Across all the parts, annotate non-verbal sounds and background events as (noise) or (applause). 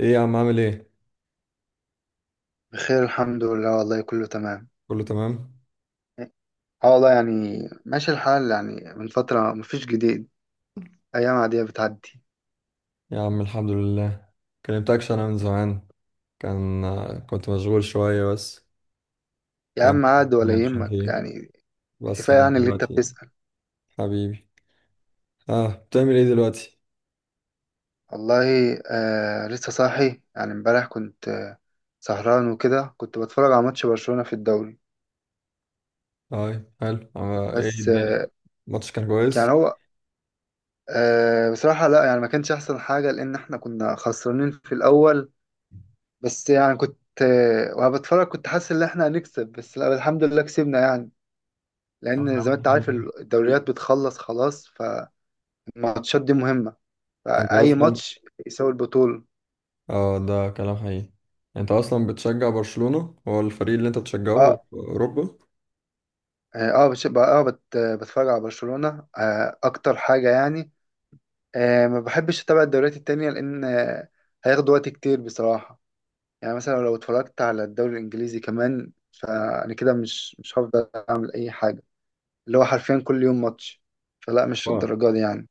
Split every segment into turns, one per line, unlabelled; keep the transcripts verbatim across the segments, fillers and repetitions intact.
ايه يا عم؟ عامل ايه؟
بخير، الحمد لله. والله كله تمام.
كله تمام.
اه والله يعني ماشي الحال يعني، من فترة مفيش جديد، أيام عادية بتعدي.
يا عم الحمد لله، كلمتكش انا من زمان. كان كنت مشغول شوية بس.
يا
كان
عم، عاد ولا
مش عارف
يهمك
ايه،
يعني.
بس
كفاية
يعني
يعني اللي أنت
دلوقتي
بتسأل.
حبيبي، اه بتعمل ايه دلوقتي؟
والله آه لسه صاحي يعني. امبارح كنت آه سهران وكده، كنت بتفرج على ماتش برشلونة في الدوري.
اه حلو، آه ايه
بس
الدنيا؟
آه
الماتش كان كويس.
يعني هو آه بصراحة لا يعني، ما كانش أحسن حاجة لأن إحنا كنا خسرانين في الأول. بس يعني كنت آه وأنا بتفرج كنت حاسس إن إحنا هنكسب، بس لا الحمد لله كسبنا يعني. لان زي ما انت عارف الدوريات بتخلص خلاص، فالماتشات دي مهمه،
انت
فاي
اصلا
ماتش يساوي البطوله.
اه ده كلام حقيقي. انت اصلا بتشجع برشلونة، هو الفريق اللي انت بتشجعه
اه
في اوروبا؟
يعني اه بش- بقى- اه بت... بتفرج على برشلونه آه اكتر حاجه يعني. آه ما بحبش اتابع الدوريات التانية لان آه هياخد وقت كتير بصراحه. يعني مثلا لو اتفرجت على الدوري الانجليزي كمان، فانا كده مش مش هفضل اعمل اي حاجه، اللي هو حرفيا كل يوم ماتش. فلا، مش في الدرجه دي يعني.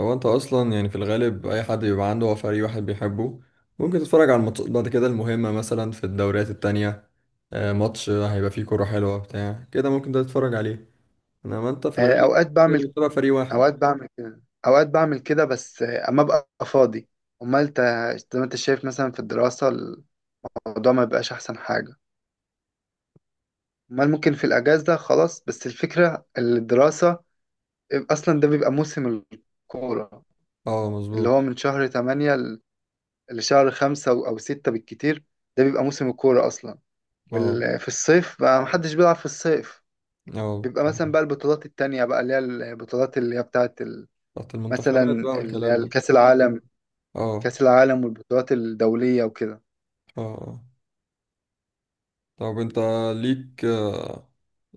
هو انت اصلا يعني في الغالب اي حد بيبقى عنده هو فريق واحد بيحبه، ممكن تتفرج على الماتشات بعد كده المهمة مثلا في الدوريات التانية. آه، ماتش هيبقى فيه كرة حلوة بتاع كده ممكن ده تتفرج عليه، انما انت في
آه
الغالب
اوقات بعمل
بتبقى فريق واحد.
اوقات بعمل كده اوقات بعمل كده، بس اما ابقى فاضي. امال انت، زي ما انت شايف مثلا في الدراسة، الموضوع ما بيبقاش احسن حاجة. امال ممكن في الاجازة خلاص، بس الفكرة الدراسة اصلا ده بيبقى موسم الكورة،
اه
اللي هو
مظبوط.
من شهر تمانية ل- لشهر خمسة او أو ستة بالكتير. ده بيبقى موسم الكورة اصلا،
اه
وفي الصيف بقى محدش بيلعب في الصيف.
اه.
بيبقى مثلا بقى البطولات التانية بقى، اللي هي البطولات اللي هي بتاعت ال-
تحت
مثلا
المنتخبات بقى
ال-
والكلام
اللي هي
ده.
كأس العالم.
اه.
كأس العالم والبطولات الدولية وكده.
اه اه. طب انت ليك،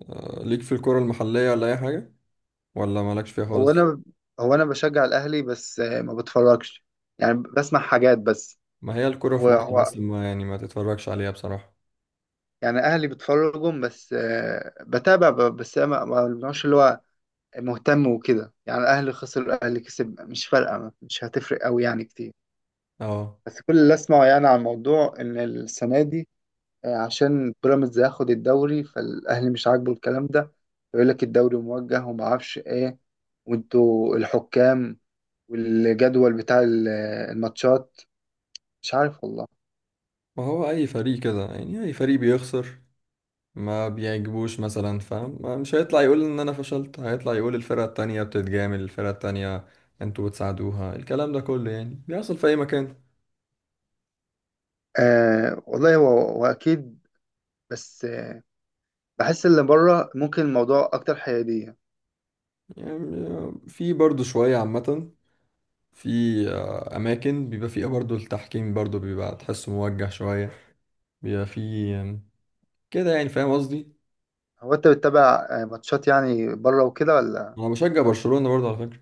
آه، ليك في الكرة المحلية ولا اي حاجة؟ ولا مالكش فيها
هو
خالص؟
أنا هو أنا بشجع الأهلي، بس آه، ما بتفرجش، يعني بسمع حاجات بس.
ما هي الكرة في مصر
وهو
بس ما يعني ما تتفرجش عليها بصراحة.
يعني أهلي بتفرجهم، بس آه، بتابع ب- بس أنا ما بنوعش اللي هو مهتم وكده. يعني الأهلي خسر، الأهلي كسب، مش فارقة، مش هتفرق أوي يعني كتير.
اه.
بس كل اللي أسمعه يعني عن الموضوع إن السنة دي آه، عشان بيراميدز هياخد الدوري، فالأهلي مش عاجبه الكلام ده، يقول لك الدوري موجه وما اعرفش إيه، وانتوا الحكام والجدول بتاع ال- الماتشات. مش عارف والله.
ما هو اي فريق كده يعني، اي فريق بيخسر ما بيعجبوش مثلا، فاهم؟ مش هيطلع يقول ان انا فشلت، هيطلع يقول الفرقة التانية بتتجامل الفرقة التانية، انتوا بتساعدوها، الكلام ده كله يعني بيحصل في اي مكان.
آه والله هو واكيد، بس آه بحس اللي بره ممكن الموضوع اكتر حياديه.
يعني في برضو شوية عامة، في آه، اماكن بيبقى فيها برضو التحكيم برضو بيبقى تحسه موجه شوية، بيبقى فيه آم، كده يعني، فاهم قصدي؟
هو انت بتتابع آه، ماتشات يعني بره وكده ولا؟
انا بشجع برشلونة برضو على فكرة.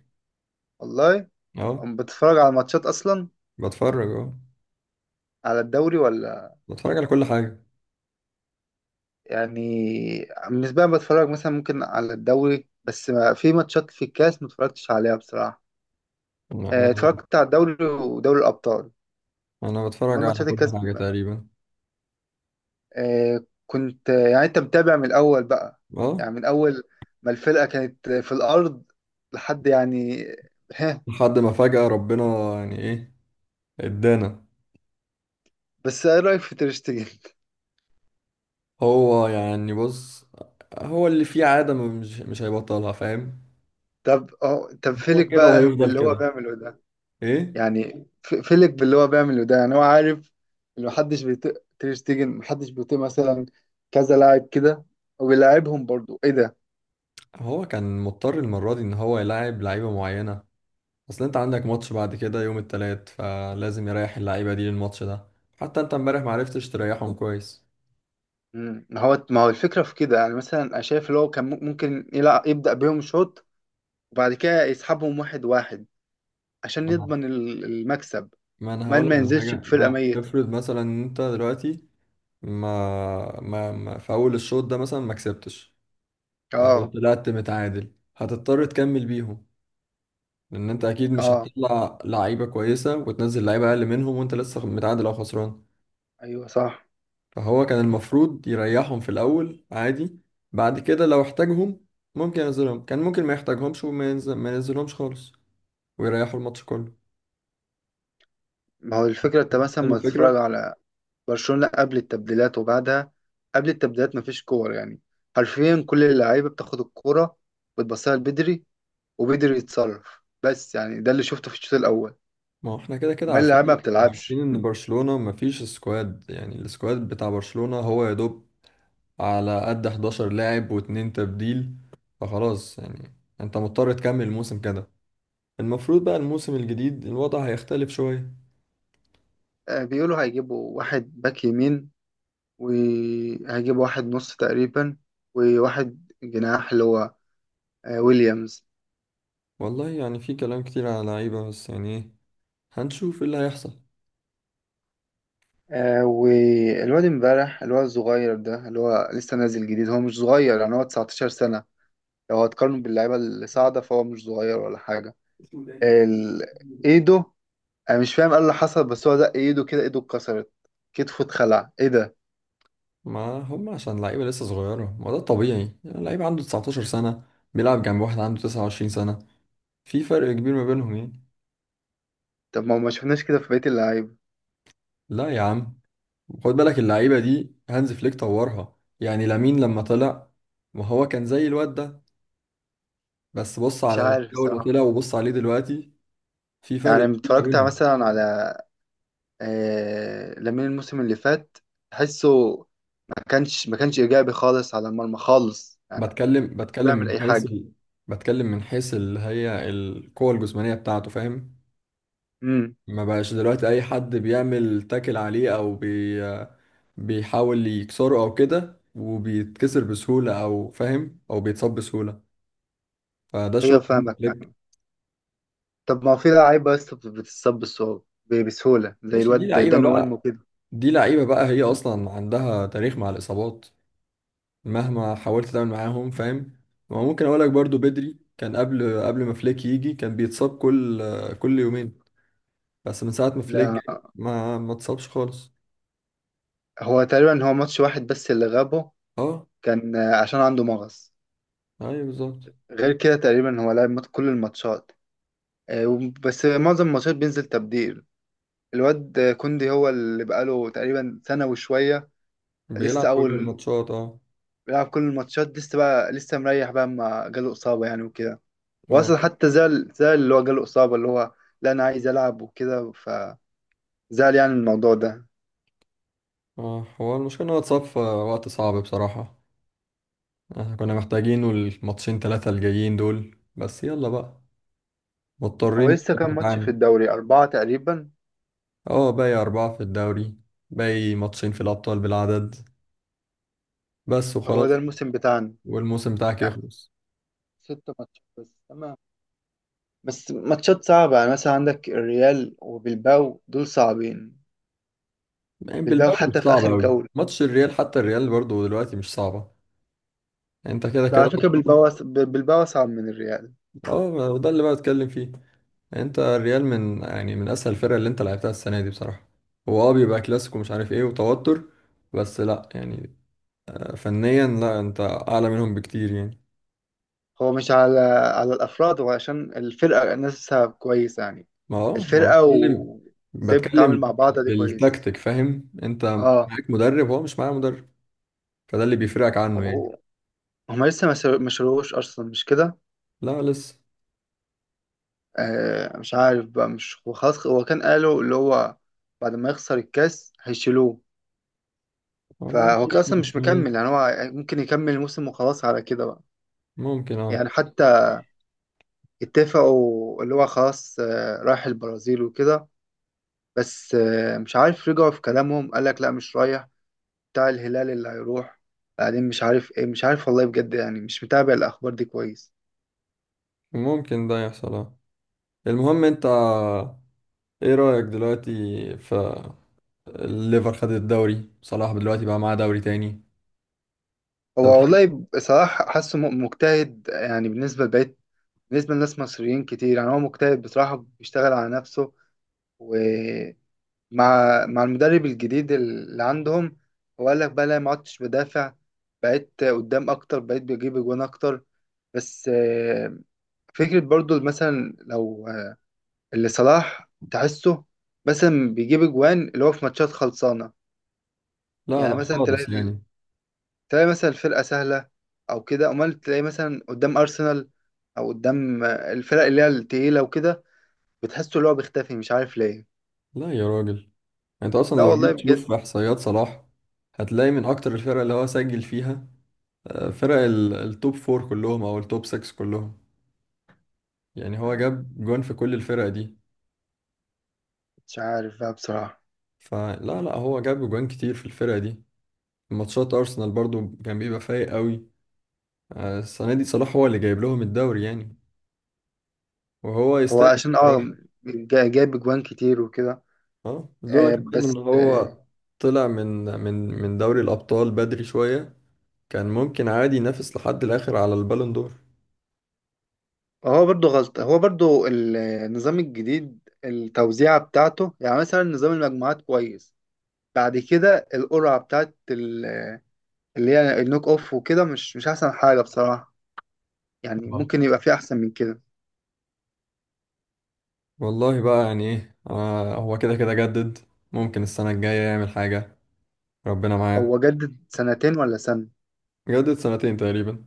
والله
اه
أم بتتفرج على ماتشات اصلا؟
بتفرج، اه
على الدوري ولا؟
بتفرج على كل حاجة.
يعني بالنسبه لي بتفرج مثلا ممكن على الدوري، بس ما في ماتشات في الكاس ما اتفرجتش عليها بصراحه.
يعني
آه
انا
اتفرجت على الدوري ودوري الابطال،
انا
اما
بتفرج على
ماتشات
كل
الكاس
حاجة تقريبا.
آه، كنت يعني انت متابع من الاول بقى،
اه
يعني من اول ما الفرقه كانت في الارض لحد يعني، ها.
لحد ما فجأة ربنا يعني ايه، ادانا.
بس ايه رايك في تيرشتجن؟
هو يعني بص، هو اللي فيه عادة ما- مش مش هيبطلها، فاهم؟
(laughs) طب اه طب فيلك
هو كده
بقى
وهيفضل
باللي هو
كده.
بيعمله ده.
ايه.
يعني في- فيلك باللي هو بيعمله ده، يعني هو عارف ان محدش بيطيق تيرشتجن، محدش بيطيق مثلا كذا لاعب كده، وبيلاعبهم برضو. ايه ده!
هو كان مضطر المرة دي ان هو يلعب لعيبة معينة، اصل انت عندك ماتش بعد كده يوم التلات فلازم يريح اللعيبة دي للماتش ده. حتى انت امبارح معرفتش تريحهم كويس.
مم. ما هو ما هو الفكره في كده. يعني مثلا انا شايف اللي هو كان ممكن يلعب، يبدا بيهم شوط وبعد كده يسحبهم واحد واحد عشان
ما انا
يضمن ال- المكسب.
ما أنا
المال ما
هقولك على
ينزلش
حاجة،
بفرقة
ما
ميتة.
افرض مثلا إن انت دلوقتي ما ما, ما في اول الشوط ده مثلا ما كسبتش، او
اه،
طلعت متعادل، هتضطر تكمل بيهم، لان انت اكيد مش
اه،
هتطلع لعيبه كويسه وتنزل لعيبه اقل منهم وانت لسه متعادل او خسران.
ايوه صح.
فهو كان المفروض يريحهم في الاول عادي، بعد كده لو احتاجهم ممكن ينزلهم، كان ممكن ما يحتاجهمش وما ينزل ما ينزلهمش خالص، ويريحوا الماتش كله.
ما هو الفكرة انت مثلا
فاهم
ما تتفرج
الفكره؟
على برشلونة قبل التبديلات وبعدها؟ قبل التبديلات مفيش كور يعني، حرفيا كل اللعيبة بتاخد الكورة وتبصها لبدري، وبدري يتصرف. بس يعني ده اللي شفته في الشوط الأول،
ما هو احنا كده كده
ومال اللعيبة ما
عارفين عارفين
بتلعبش.
ان برشلونه ما فيش سكواد، يعني السكواد بتاع برشلونه هو يا دوب على قد حداشر لاعب واتنين تبديل، فخلاص يعني، انت مضطر تكمل الموسم كده. المفروض بقى الموسم الجديد الوضع هيختلف شوية.
آه بيقولوا هيجيبوا واحد باك يمين، وهيجيبوا واحد نص تقريبا، وواحد جناح اللي هو آه ويليامز.
والله يعني في كلام كتير على لعيبة، بس يعني ايه، هنشوف ايه اللي هيحصل.
آه والواد امبارح اللي هو الصغير ده اللي هو لسه نازل جديد، هو مش صغير يعني، هو تسعتاشر سنة. لو هتقارنه باللعيبة اللي صاعدة فهو مش صغير ولا حاجة. ال... ايده، انا مش فاهم ايه اللي حصل، بس هو زق ايده كده، ايده اتكسرت، كتفه اتخلع. ايه ده!
ما هم عشان لعيبة لسه صغيرة، ما ده طبيعي، يعني لعيب عنده تسعة عشر سنة بيلعب جنب واحد عنده تسعة وعشرين سنة، في فرق كبير ما بينهم يعني.
طب ما هو ما شفناش كده في بقية اللعيبة.
لا يا عم، خد بالك اللعيبة دي هانز فليك طورها. يعني لامين لما طلع ما هو كان زي الواد ده، بس بص
مش
على
عارف
الجو اللي
صراحة.
طلع وبص عليه دلوقتي، في فرق
يعني
كبير ما
اتفرجت
بينهم.
مثلا على آه لامين الموسم اللي فات، تحسه ما كانش ما كانش ايجابي خالص على المرمى خالص، يعني ما
بتكلم
كانش
بتكلم
بيعمل
من
اي
حيث
حاجة.
ال... بتكلم من حيث اللي هي القوة الجسمانية بتاعته، فاهم؟ ما بقاش دلوقتي أي حد بيعمل تاكل عليه أو بي... بيحاول يكسره أو كده وبيتكسر بسهولة، أو فاهم، أو بيتصاب بسهولة. فده
ايوه
شغل هانز
فاهمك
فليك.
فاهمك. طب ما هو في لعيبه بس بتتصاب بالصعوبة ب- بسهوله، زي
ماشي، دي
الواد
لعيبة
داني اولمو
بقى،
كده.
دي لعيبة بقى هي أصلا عندها تاريخ مع الإصابات، مهما حاولت تعمل معاهم، فاهم؟ وممكن اقول لك برضو بدري كان قبل قبل ما فليك يجي كان بيتصاب كل كل يومين، بس من ساعة ما فليك
لا،
جه ما ما اتصابش خالص.
هو تقريبا هو ماتش واحد بس اللي غابه،
اه.
كان آه، عشان عنده مغص.
ايوه بالظبط.
غير كده تقريبا هو لعب مات- كل الماتشات، آه، وب- بس معظم الماتشات بينزل تبديل. الواد آه، كوندي هو اللي بقاله تقريبا سنه وشويه،
بيلعب
لسه
كل
اول،
الماتشات اه.
بيلعب كل الماتشات، لسه بقى لسه مريح بقى ما جاله اصابه يعني وكده.
اه
واصلا حتى زعل زعل اللي هو جاله اصابه، اللي هو لا انا عايز العب وكده، زعل يعني من الموضوع ده.
اه. هو المشكلة ان هو اتصاب في وقت صعب بصراحة، آه، كنا محتاجينه الماتشين ثلاثة الجايين دول، بس يلا بقى،
هو
مضطرين
لسه
دلوقتي
كام ماتش في
نتعامل.
الدوري، أربعة تقريبا؟
اه باقي أربعة في الدوري، باقي ماتشين في الأبطال بالعدد بس
هو
وخلاص.
ده الموسم بتاعنا
والموسم بتاعك
يعني،
يخلص.
ست ماتشات بس، تمام. بس ماتشات صعبة يعني، مثلا عندك الريال وبلباو، دول صعبين.
يعني
بلباو
بالباو
حتى
مش
في
صعب
آخر
قوي،
جولة.
ماتش الريال حتى الريال برضو دلوقتي مش صعبة. يعني انت كده
بس
كده.
على فكرة بلباو أص- ب- بلباو أصعب من الريال.
اه ده اللي بقى اتكلم فيه، يعني انت الريال من يعني من اسهل الفرق اللي انت لعبتها السنة دي بصراحة. هو اه بيبقى كلاسيكو مش عارف ايه وتوتر، بس لا يعني، فنيا لا انت اعلى منهم بكتير يعني.
هو مش على على الأفراد، هو عشان الفرقة نفسها كويسة يعني،
ما اه ما
الفرقة
بتكلم،
وإزاي بتتعامل مع
بتكلم
بعضها دي كويس.
بالتكتيك، فاهم انت؟
اه،
معاك مدرب هو مش معاه مدرب، فده اللي بيفرقك عنه يعني.
هو- هما لسه ما سر- ما شروش أصلا مش كده.
لا لسه.
آه مش عارف بقى. مش هو خلاص، هو كان قالوا اللي هو بعد ما يخسر الكاس هيشيلوه،
والله
فهو كان
لسه
اصلا مش مكمل
مستنيين.
يعني، هو ممكن يكمل الموسم وخلاص على كده بقى،
ممكن اه،
يعني حتى اتفقوا اللي هو خلاص آه رايح البرازيل وكده. بس آه مش عارف، رجعوا في كلامهم، قال لك لا مش رايح، بتاع الهلال اللي هيروح، بعدين مش عارف ايه، مش عارف والله بجد يعني، مش متابع الاخبار دي كويس.
ممكن ده يحصل اه. المهم انت ايه رأيك دلوقتي في الليفر؟ خد الدوري صلاح دلوقتي بقى معاه دوري تاني، انت
هو
بتحب؟
والله بصراحة حاسه م- مجتهد، يعني بالنسبة لبقية، بالنسبة لناس مصريين كتير يعني، هو مجتهد بصراحة، بيشتغل على نفسه، ومع مع المدرب الجديد اللي عندهم. هو قال لك بقى لا ما عدتش بدافع، بقيت قدام أكتر، بقيت بجيب أجوان أكتر. بس آه، فكرة برضو مثلا لو آه، اللي صلاح تحسه مثلا بيجيب أجوان اللي هو في ماتشات خلصانة.
لا
يعني
لا
مثلا تلاقي
خالص يعني.
تلاقي مثلا الفرقة سهلة أو كده، أمال تلاقي مثلا قدام أرسنال أو قدام آه، الفرق اللي هي التقيلة وكده، بتحسه اللي هو بيختفي، مش عارف ليه.
لا يا راجل يعني، انت اصلا
لا
لو
والله
جيت
بجد.
تشوف في احصائيات صلاح هتلاقي من اكتر الفرق اللي هو سجل فيها آه، فرق ال- التوب فور كلهم او التوب ستة كلهم، يعني هو
مم،
جاب جون في كل الفرق دي.
مش عارف بقى بصراحة.
فلا لا هو جاب جوان كتير في الفرق دي، ماتشات ارسنال برضو كان بيبقى فايق قوي. آه، السنة دي صلاح هو اللي جايب لهم الدوري يعني، وهو
هو
يستاهل.
عشان اه جا- جايب اجوان كتير وكده،
اه لولا
آه
كمان
بس
ان هو
آه
طلع من من من دوري الابطال بدري شويه، كان ممكن عادي ينافس لحد الاخر على البالون دور.
هو برضو غلط، هو برضو النظام الجديد التوزيعة بتاعته. يعني مثلا نظام المجموعات كويس، بعد كده القرعة بتاعت ال- اللي هي النوك اوف وكده، مش مش احسن حاجة بصراحة، يعني
آه.
ممكن يبقى في احسن من كده.
والله بقى يعني ايه، آه هو كده كده جدد، ممكن السنه الجايه يعمل حاجه، ربنا معاه.
هو جدد سنتين ولا سنة؟
جدد سنتين تقريبا.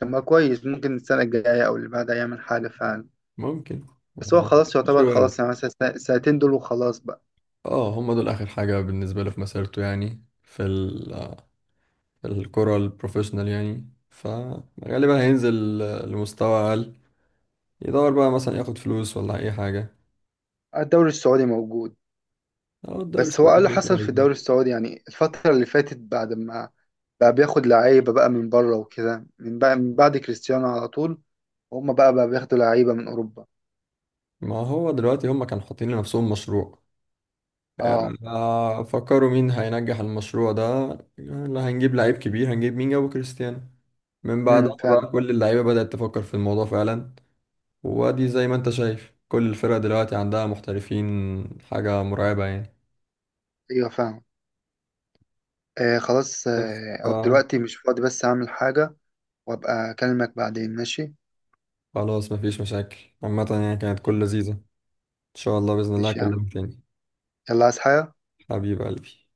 طب ما كويس، ممكن السنة الجاية أو اللي بعدها يعمل حاجة فعلا.
ممكن.
بس هو خلاص
مش
يعتبر، خلاص
وارد.
يعني مثلا السنة- السنتين دول وخلاص بقى.
اه هم دول اخر حاجه بالنسبه له في مسيرته، يعني في ال آه، في الكره البروفيشنال، يعني فغالبا هينزل آه، لمستوى اقل، يدور بقى مثلا ياخد فلوس ولا اي حاجه.
آه، الدوري السعودي موجود.
هو الدوري
بس هو قال
السعودي
اللي
فيه كده
حصل في الدوري
يعني.
السعودي يعني الفترة اللي فاتت، بعد ما بقى بياخد لعيبة بقى من بره وكده، من بقى من بعد كريستيانو على طول، هما بقى بقى بياخدوا لعيبة من أوروبا.
ما هو دلوقتي هم كانوا حاطين لنفسهم مشروع،
اه،
آه، فكروا مين هينجح المشروع ده، اللي هنجيب لعيب كبير، هنجيب مين، جابوا كريستيانو، من
امم
بعدها
فاهم.
بقى كل اللعيبة بدأت تفكر في الموضوع فعلا. وادي زي ما انت شايف كل الفرق دلوقتي عندها محترفين، حاجة مرعبة يعني.
ايوه فاهم. آه خلاص،
بس
آه
ف-
أو دلوقتي مش فاضي، بس أعمل حاجة وأبقى أكلمك بعدين، ماشي؟
خلاص مفيش مشاكل، عامة يعني كانت كل لذيذة، ان شاء الله بإذن الله
ماشي يا عم،
اكلمك تاني.
يلا. عايز حاجة؟
حبيب قلبي.